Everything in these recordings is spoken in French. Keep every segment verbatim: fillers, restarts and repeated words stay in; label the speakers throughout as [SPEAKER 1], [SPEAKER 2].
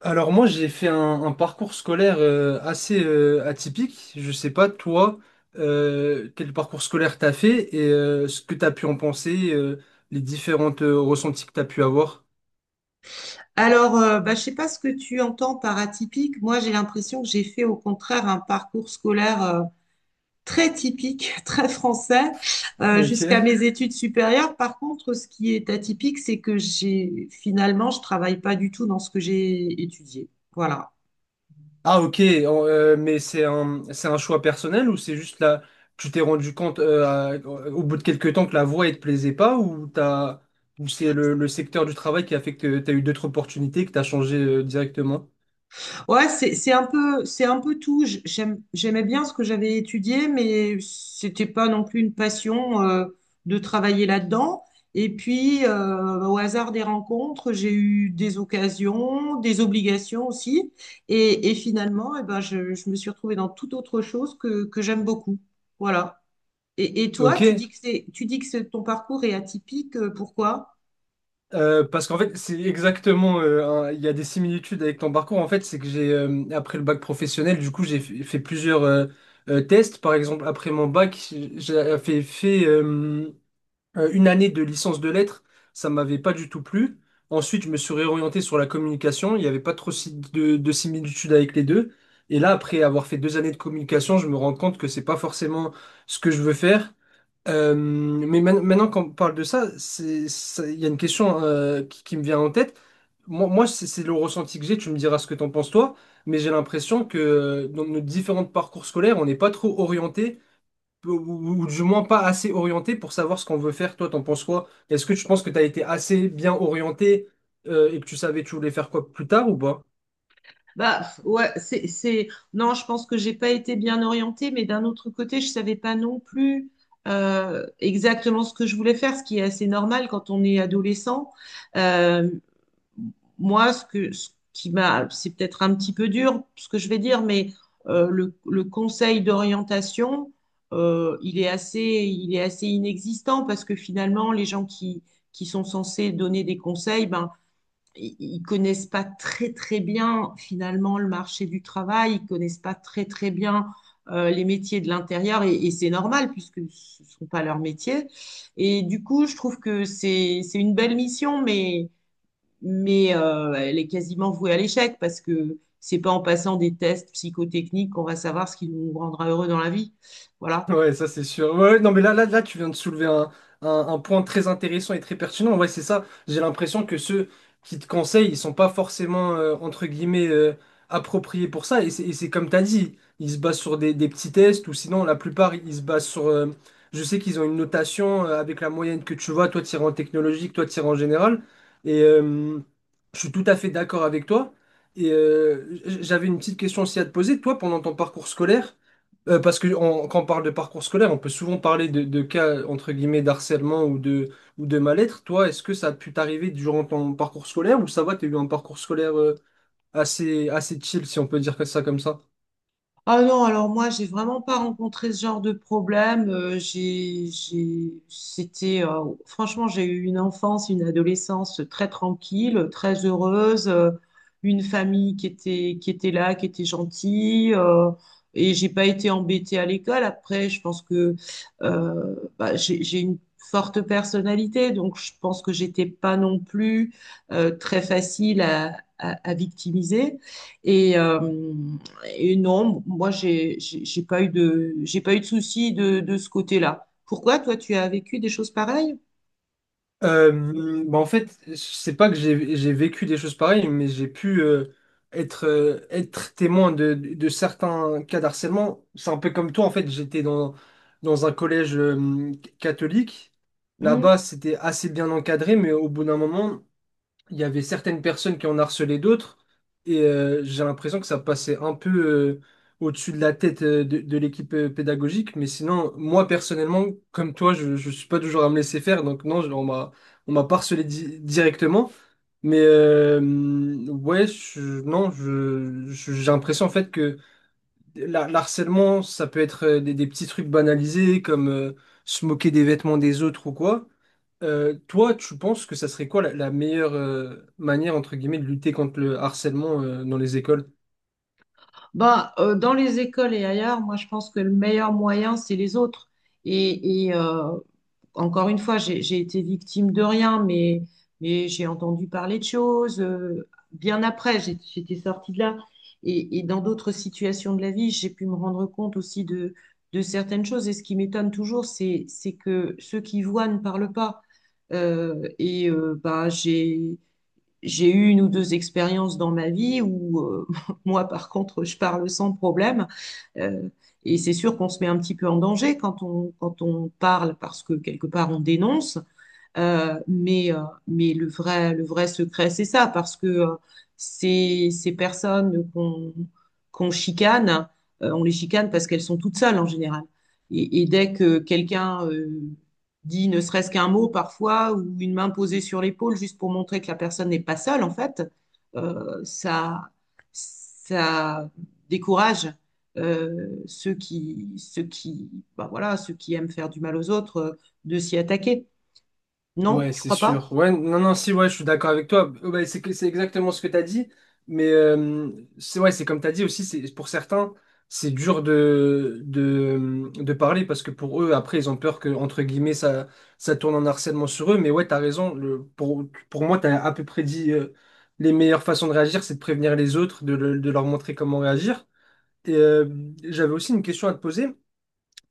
[SPEAKER 1] Alors moi j'ai fait un, un parcours scolaire euh, assez euh, atypique. Je sais pas toi euh, quel parcours scolaire t'as fait et euh, ce que t'as pu en penser, euh, les différentes euh, ressentis que t'as pu avoir.
[SPEAKER 2] Alors, euh, bah, je sais pas ce que tu entends par atypique. Moi, j'ai l'impression que j'ai fait au contraire un parcours scolaire euh, très typique, très français, euh, jusqu'à
[SPEAKER 1] Ok.
[SPEAKER 2] mes études supérieures. Par contre, ce qui est atypique, c'est que j'ai finalement, je travaille pas du tout dans ce que j'ai étudié. Voilà.
[SPEAKER 1] Ah ok, en- euh, mais c'est un c'est un choix personnel ou c'est juste là tu t'es rendu compte euh, à- au bout de quelques temps que la voie elle te plaisait pas ou t'as ou c'est le, le secteur du travail qui a fait que t'as eu d'autres opportunités que t'as changé euh, directement?
[SPEAKER 2] Ouais, c'est c'est un peu c'est un peu tout. J- j'aime- j'aimais bien ce que j'avais étudié, mais c'était pas non plus une passion euh, de travailler là-dedans. Et puis euh, au hasard des rencontres, j'ai eu des occasions, des obligations aussi, et, et finalement, eh ben, je, je me suis retrouvée dans toute autre chose que que j'aime beaucoup. Voilà. Et, et toi, tu
[SPEAKER 1] Ok.
[SPEAKER 2] dis que c'est tu dis que c'est- ton parcours est atypique. euh, Pourquoi?
[SPEAKER 1] Euh, parce qu'en fait, c'est exactement. euh, un- Il y a des similitudes avec ton parcours. En fait, c'est que j'ai euh, après le bac professionnel, du coup, j'ai f- fait plusieurs euh, euh, tests. Par exemple, après mon bac, j'ai euh, fait, fait euh, euh, une année de licence de lettres. Ça m'avait pas du tout plu. Ensuite, je me suis réorienté sur la communication. Il n'y avait pas trop si- de, de similitudes avec les deux. Et là, après avoir fait deux années de communication, je me rends compte que c'est pas forcément ce que je veux faire. Euh, mais man- maintenant qu'on parle de ça, c'est, ça- il y a une question euh, qui, qui me vient en tête. Moi, moi c'est c'est le ressenti que j'ai, tu me diras ce que t'en penses toi, mais j'ai l'impression que euh, dans nos différents parcours scolaires, on n'est pas trop orienté, ou, ou- ou du moins pas assez orienté pour savoir ce qu'on veut faire. Toi, t'en penses quoi? Est-ce que tu penses que t'as été assez bien orienté euh, et que tu savais que tu voulais faire quoi plus tard ou pas?
[SPEAKER 2] Bah ouais, c'est, c'est... Non, je pense que j'ai pas été bien orientée, mais d'un autre côté, je savais pas non plus euh, exactement ce que je voulais faire, ce qui est assez normal quand on est adolescent. Euh, Moi, ce que, ce qui m'a, c'est peut-être un petit peu dur, ce que je vais dire, mais euh, le, le conseil d'orientation, euh, il est assez, il est assez inexistant parce que finalement, les gens qui, qui sont censés donner des conseils, ben ils connaissent pas très très bien finalement le marché du travail, ils connaissent pas très très bien euh, les métiers de l'intérieur et, et c'est normal puisque ce sont pas leurs métiers. Et du coup, je trouve que c'est c'est une belle mission, mais mais euh, elle est quasiment vouée à l'échec parce que c'est pas en passant des tests psychotechniques qu'on va savoir ce qui nous rendra heureux dans la vie. Voilà.
[SPEAKER 1] Ouais, ça c'est sûr. Ouais, ouais, non, mais là, là, là, tu viens de soulever un, un- un point très intéressant et très pertinent. Ouais, c'est ça. J'ai l'impression que ceux qui te conseillent, ils sont pas forcément, euh, entre guillemets, euh, appropriés pour ça. Et c'est et c'est comme tu as dit, ils se basent sur des, des petits tests ou sinon, la plupart, ils se basent sur. Euh, je sais qu'ils ont une notation euh, avec la moyenne que tu vois, toi, tu en technologique, toi, tu en général. Et euh, je suis tout à fait d'accord avec toi. Et euh, j- j'avais une petite question aussi à te poser. Toi, pendant ton parcours scolaire, euh, parce que on- quand on parle de parcours scolaire, on peut souvent parler de, de cas entre guillemets d'harcèlement ou de, ou de mal-être. Toi, est-ce que ça a pu t'arriver durant ton parcours scolaire ou ça va, t'as eu un parcours scolaire euh, assez, assez chill, si on peut dire que ça comme ça?
[SPEAKER 2] Ah non, alors moi, j'ai vraiment pas rencontré ce genre de problème. Euh, j'ai, j'ai, c'était, euh, franchement, j'ai eu une enfance, une adolescence très tranquille, très heureuse, euh, une famille qui était, qui était là, qui était gentille, euh, et j'ai pas été embêtée à l'école. Après, je pense que euh, bah, j'ai, j'ai une forte personnalité, donc je pense que j'étais pas non plus euh, très facile à, à, à victimiser. Et, euh, et non, moi, j'ai, j'ai j'ai pas eu de, j'ai pas eu de soucis de, de ce côté-là. Pourquoi, toi, tu as vécu des choses pareilles?
[SPEAKER 1] Euh, bah en fait, c'est pas que j'ai j'ai vécu des choses pareilles, mais j'ai pu euh, être, euh, être témoin de, de de certains cas d'harcèlement. C'est un peu comme toi, en fait, j'étais dans, dans un collège euh, catholique.
[SPEAKER 2] Hmm.
[SPEAKER 1] Là-bas, c'était assez bien encadré, mais au bout d'un moment, il y avait certaines personnes qui en harcelaient d'autres, et euh, j'ai l'impression que ça passait un peu euh, au-dessus de la tête euh, de, de l'équipe euh, pédagogique, mais sinon, moi personnellement, comme toi, je ne suis pas toujours à me laisser faire, donc non, je- on m'a, on m'a pas harcelé di- directement, mais euh, ouais, je- non, je, je- j'ai l'impression en fait que la- l'harcèlement, ça peut être euh, des, des petits trucs banalisés, comme euh, se moquer des vêtements des autres ou quoi. Euh, toi, tu penses que ça serait quoi la, la meilleure euh, manière, entre guillemets, de lutter contre le harcèlement euh, dans les écoles?
[SPEAKER 2] Ben, euh, dans les écoles et ailleurs, moi, je pense que le meilleur moyen, c'est les autres. Et, et, euh, encore une fois, j'ai j'ai été victime de rien, mais, mais j'ai entendu parler de choses. Euh, bien après, j'ai- j'étais sortie de là. Et, et dans d'autres situations de la vie, j'ai pu me rendre compte aussi de, de certaines choses. Et ce qui m'étonne toujours, c'est, c'est que ceux qui voient ne parlent pas. Euh, et euh, bah, j'ai, j'ai eu une ou deux expériences dans ma vie où euh, moi, par contre, je parle sans problème. Euh, et c'est sûr qu'on se met un petit peu en danger quand on, quand on parle parce que quelque part on dénonce. Euh, mais euh, mais le vrai, le vrai secret, c'est ça, parce que euh, ces, ces personnes qu'on qu'on chicane, euh, on les chicane parce qu'elles sont toutes seules en général. Et, et dès que quelqu'un euh, dit ne serait-ce qu'un mot parfois, ou une main posée sur l'épaule, juste pour montrer que la personne n'est pas seule, en fait, euh, ça, ça décourage euh, ceux qui, ceux qui, bah voilà, ceux qui aiment faire du mal aux autres euh, de s'y attaquer. Non,
[SPEAKER 1] Ouais,
[SPEAKER 2] tu
[SPEAKER 1] c'est
[SPEAKER 2] crois pas?
[SPEAKER 1] sûr. Ouais, non, non, si, ouais, je suis d'accord avec toi. Euh, ouais, c'est que- c'est exactement ce que tu as dit. Mais euh, c'est ouais, c'est comme tu as dit aussi, c'est pour certains, c'est dur de, de, de parler parce que pour eux, après, ils ont peur que, entre guillemets, ça, ça tourne en harcèlement sur eux. Mais ouais, tu as raison. Le, pour, pour moi, tu as à peu près dit euh, les meilleures façons de réagir, c'est de prévenir les autres, de le- de leur montrer comment réagir. Et, euh, j'avais aussi une question à te poser,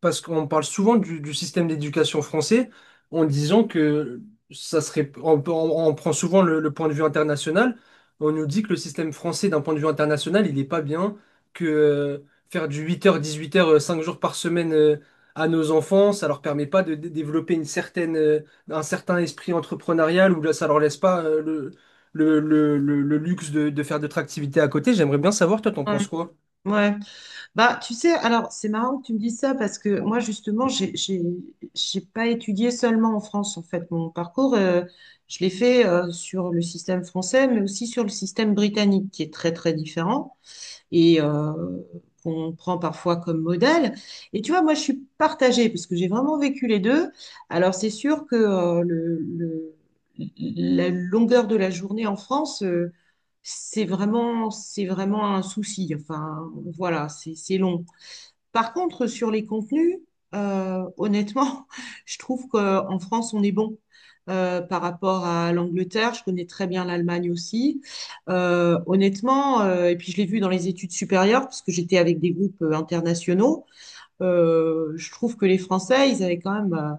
[SPEAKER 1] parce qu'on parle souvent du, du système d'éducation français en disant que ça serait. On, on- on prend souvent le, le point de vue international. On nous dit que le système français, d'un point de vue international, il n'est pas bien, que euh, faire du huit heures dix-huit heures euh, cinq jours par semaine euh, à nos enfants, ça leur permet pas de, dé- développer une certaine, euh, un certain esprit entrepreneurial ou là, ça leur laisse pas euh, le, le, le, le- le luxe de, de faire d'autres activités à côté. J'aimerais bien savoir, toi, t'en
[SPEAKER 2] Ouais,
[SPEAKER 1] penses quoi?
[SPEAKER 2] ouais. Bah, tu sais, alors c'est marrant que tu me dises ça parce que moi justement, j'ai j'ai j'ai pas étudié seulement en France en fait. Mon parcours, euh, je l'ai fait euh, sur le système français, mais aussi sur le système britannique qui est très très différent. Et euh, qu'on prend parfois comme modèle. Et tu vois, moi, je suis partagée parce que j'ai vraiment vécu les deux. Alors, c'est sûr que euh, le, le- la longueur de la journée en France, euh, c'est vraiment, c'est vraiment un souci. Enfin, voilà, c'est c'est long. Par contre, sur les contenus, euh, honnêtement, je trouve qu'en France, on est bon. Euh, par rapport à l'Angleterre, je connais très bien l'Allemagne aussi. Euh, honnêtement, euh, et puis je l'ai vu dans les études supérieures, parce que j'étais avec des groupes euh, internationaux, euh, je trouve que les Français, ils avaient quand même euh,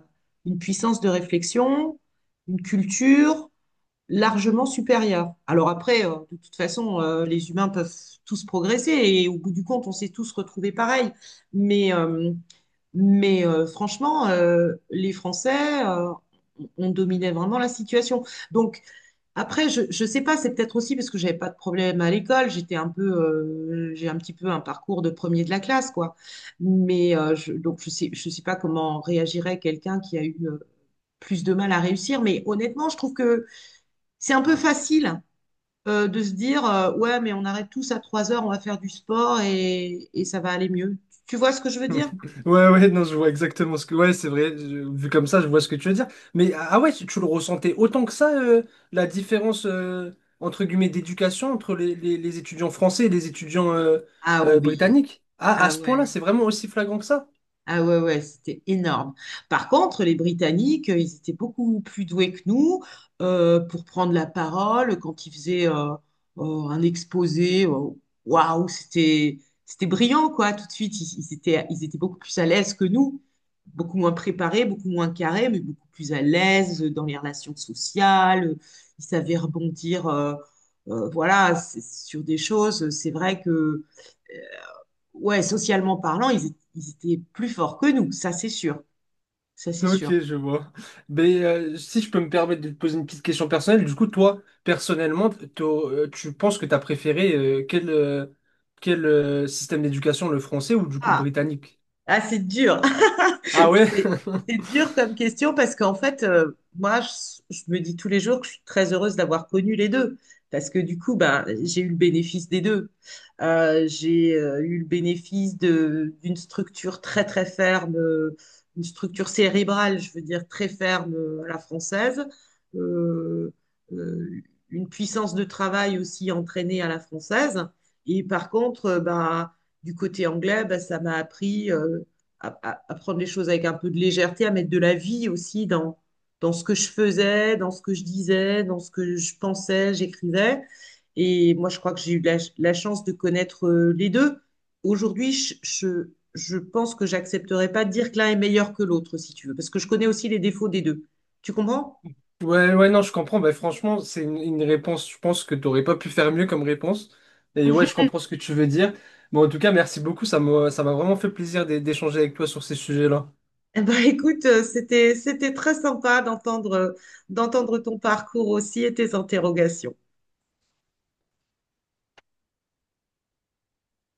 [SPEAKER 2] une puissance de réflexion, une culture, largement supérieur. Alors après, euh, de toute façon, euh, les humains peuvent tous progresser et au bout du compte, on s'est tous retrouvés pareil. Mais, euh, mais euh, franchement, euh, les Français, euh, on dominait vraiment la situation. Donc après, je, je sais pas, c'est peut-être aussi parce que j'avais pas de problème à l'école, j'étais un peu, euh, j'ai un petit peu un parcours de premier de la classe, quoi. Mais euh, je, donc je sais, je sais pas comment réagirait quelqu'un qui a eu euh, plus de mal à réussir. Mais honnêtement, je trouve que c'est un peu facile euh, de se dire euh, ouais, mais on arrête tous à trois heures, on va faire du sport et, et ça va aller mieux. Tu vois ce que je veux dire?
[SPEAKER 1] Ouais, ouais, non, je vois exactement ce que. Ouais, c'est vrai, je- vu comme ça, je vois ce que tu veux dire. Mais ah ah ouais, tu, tu le ressentais autant que ça, euh, la différence, euh, entre guillemets, d'éducation entre les, les- les étudiants français et les étudiants euh,
[SPEAKER 2] Ah
[SPEAKER 1] euh,
[SPEAKER 2] oui,
[SPEAKER 1] britanniques? Ah, à
[SPEAKER 2] ah
[SPEAKER 1] ce point-là,
[SPEAKER 2] ouais.
[SPEAKER 1] c'est vraiment aussi flagrant que ça?
[SPEAKER 2] Ah ouais, ouais, c'était énorme. Par contre, les Britanniques, euh, ils étaient beaucoup plus doués que nous euh, pour prendre la parole quand ils faisaient euh, euh, un exposé. euh, Waouh, c'était c'était brillant, quoi, tout de suite. Ils, ils étaient, ils étaient beaucoup plus à l'aise que nous, beaucoup moins préparés, beaucoup moins carrés, mais beaucoup plus à l'aise dans les relations sociales. Ils savaient rebondir, euh, euh, voilà, c'est- sur des choses. C'est vrai que ouais, socialement parlant, ils, é- ils étaient plus forts que nous, ça c'est sûr, ça c'est
[SPEAKER 1] Ok,
[SPEAKER 2] sûr.
[SPEAKER 1] je vois. Mais euh, si je peux me permettre de te poser une petite question personnelle, du coup, toi, personnellement, t'au- euh, tu penses que tu as préféré euh, quel, euh, quel euh, système d'éducation, le français ou du coup le
[SPEAKER 2] Ah,
[SPEAKER 1] britannique?
[SPEAKER 2] ah c'est dur.
[SPEAKER 1] Ah ouais?
[SPEAKER 2] C'est c'est dur comme question parce qu'en fait, euh, moi, je, je me dis tous les jours que je suis très heureuse d'avoir connu les deux. Parce que du coup, ben, j'ai eu le bénéfice des deux. Euh, j'ai euh, eu le bénéfice de, d'une structure très, très ferme, euh, une structure cérébrale, je veux dire, très ferme euh, à la française. Euh, euh, une puissance de travail aussi entraînée à la française. Et par contre, euh, ben, du côté anglais, ben, ça m'a appris. euh, à, à- à prendre les choses avec un peu de légèreté, à mettre de la vie aussi dans, dans ce que je faisais, dans ce que je disais, dans ce que je pensais, j'écrivais. Et moi, je crois que j'ai eu la, la chance de connaître euh, les deux. Aujourd'hui, je, je, je pense que j'accepterais pas de dire que l'un est meilleur que l'autre, si tu veux, parce que je connais aussi les défauts des deux. Tu comprends?
[SPEAKER 1] Ouais, ouais, non, je comprends. Bah, franchement, c'est une, une réponse, je pense que t'aurais pas pu faire mieux comme réponse. Et ouais, je comprends ce que tu veux dire. Bon, en tout cas, merci beaucoup. Ça m'a, ça m'a vraiment fait plaisir d'é- d'échanger avec toi sur ces sujets-là.
[SPEAKER 2] Eh ben, écoute, euh, c'était, c'était très sympa d'entendre, euh, d'entendre ton parcours aussi et tes interrogations.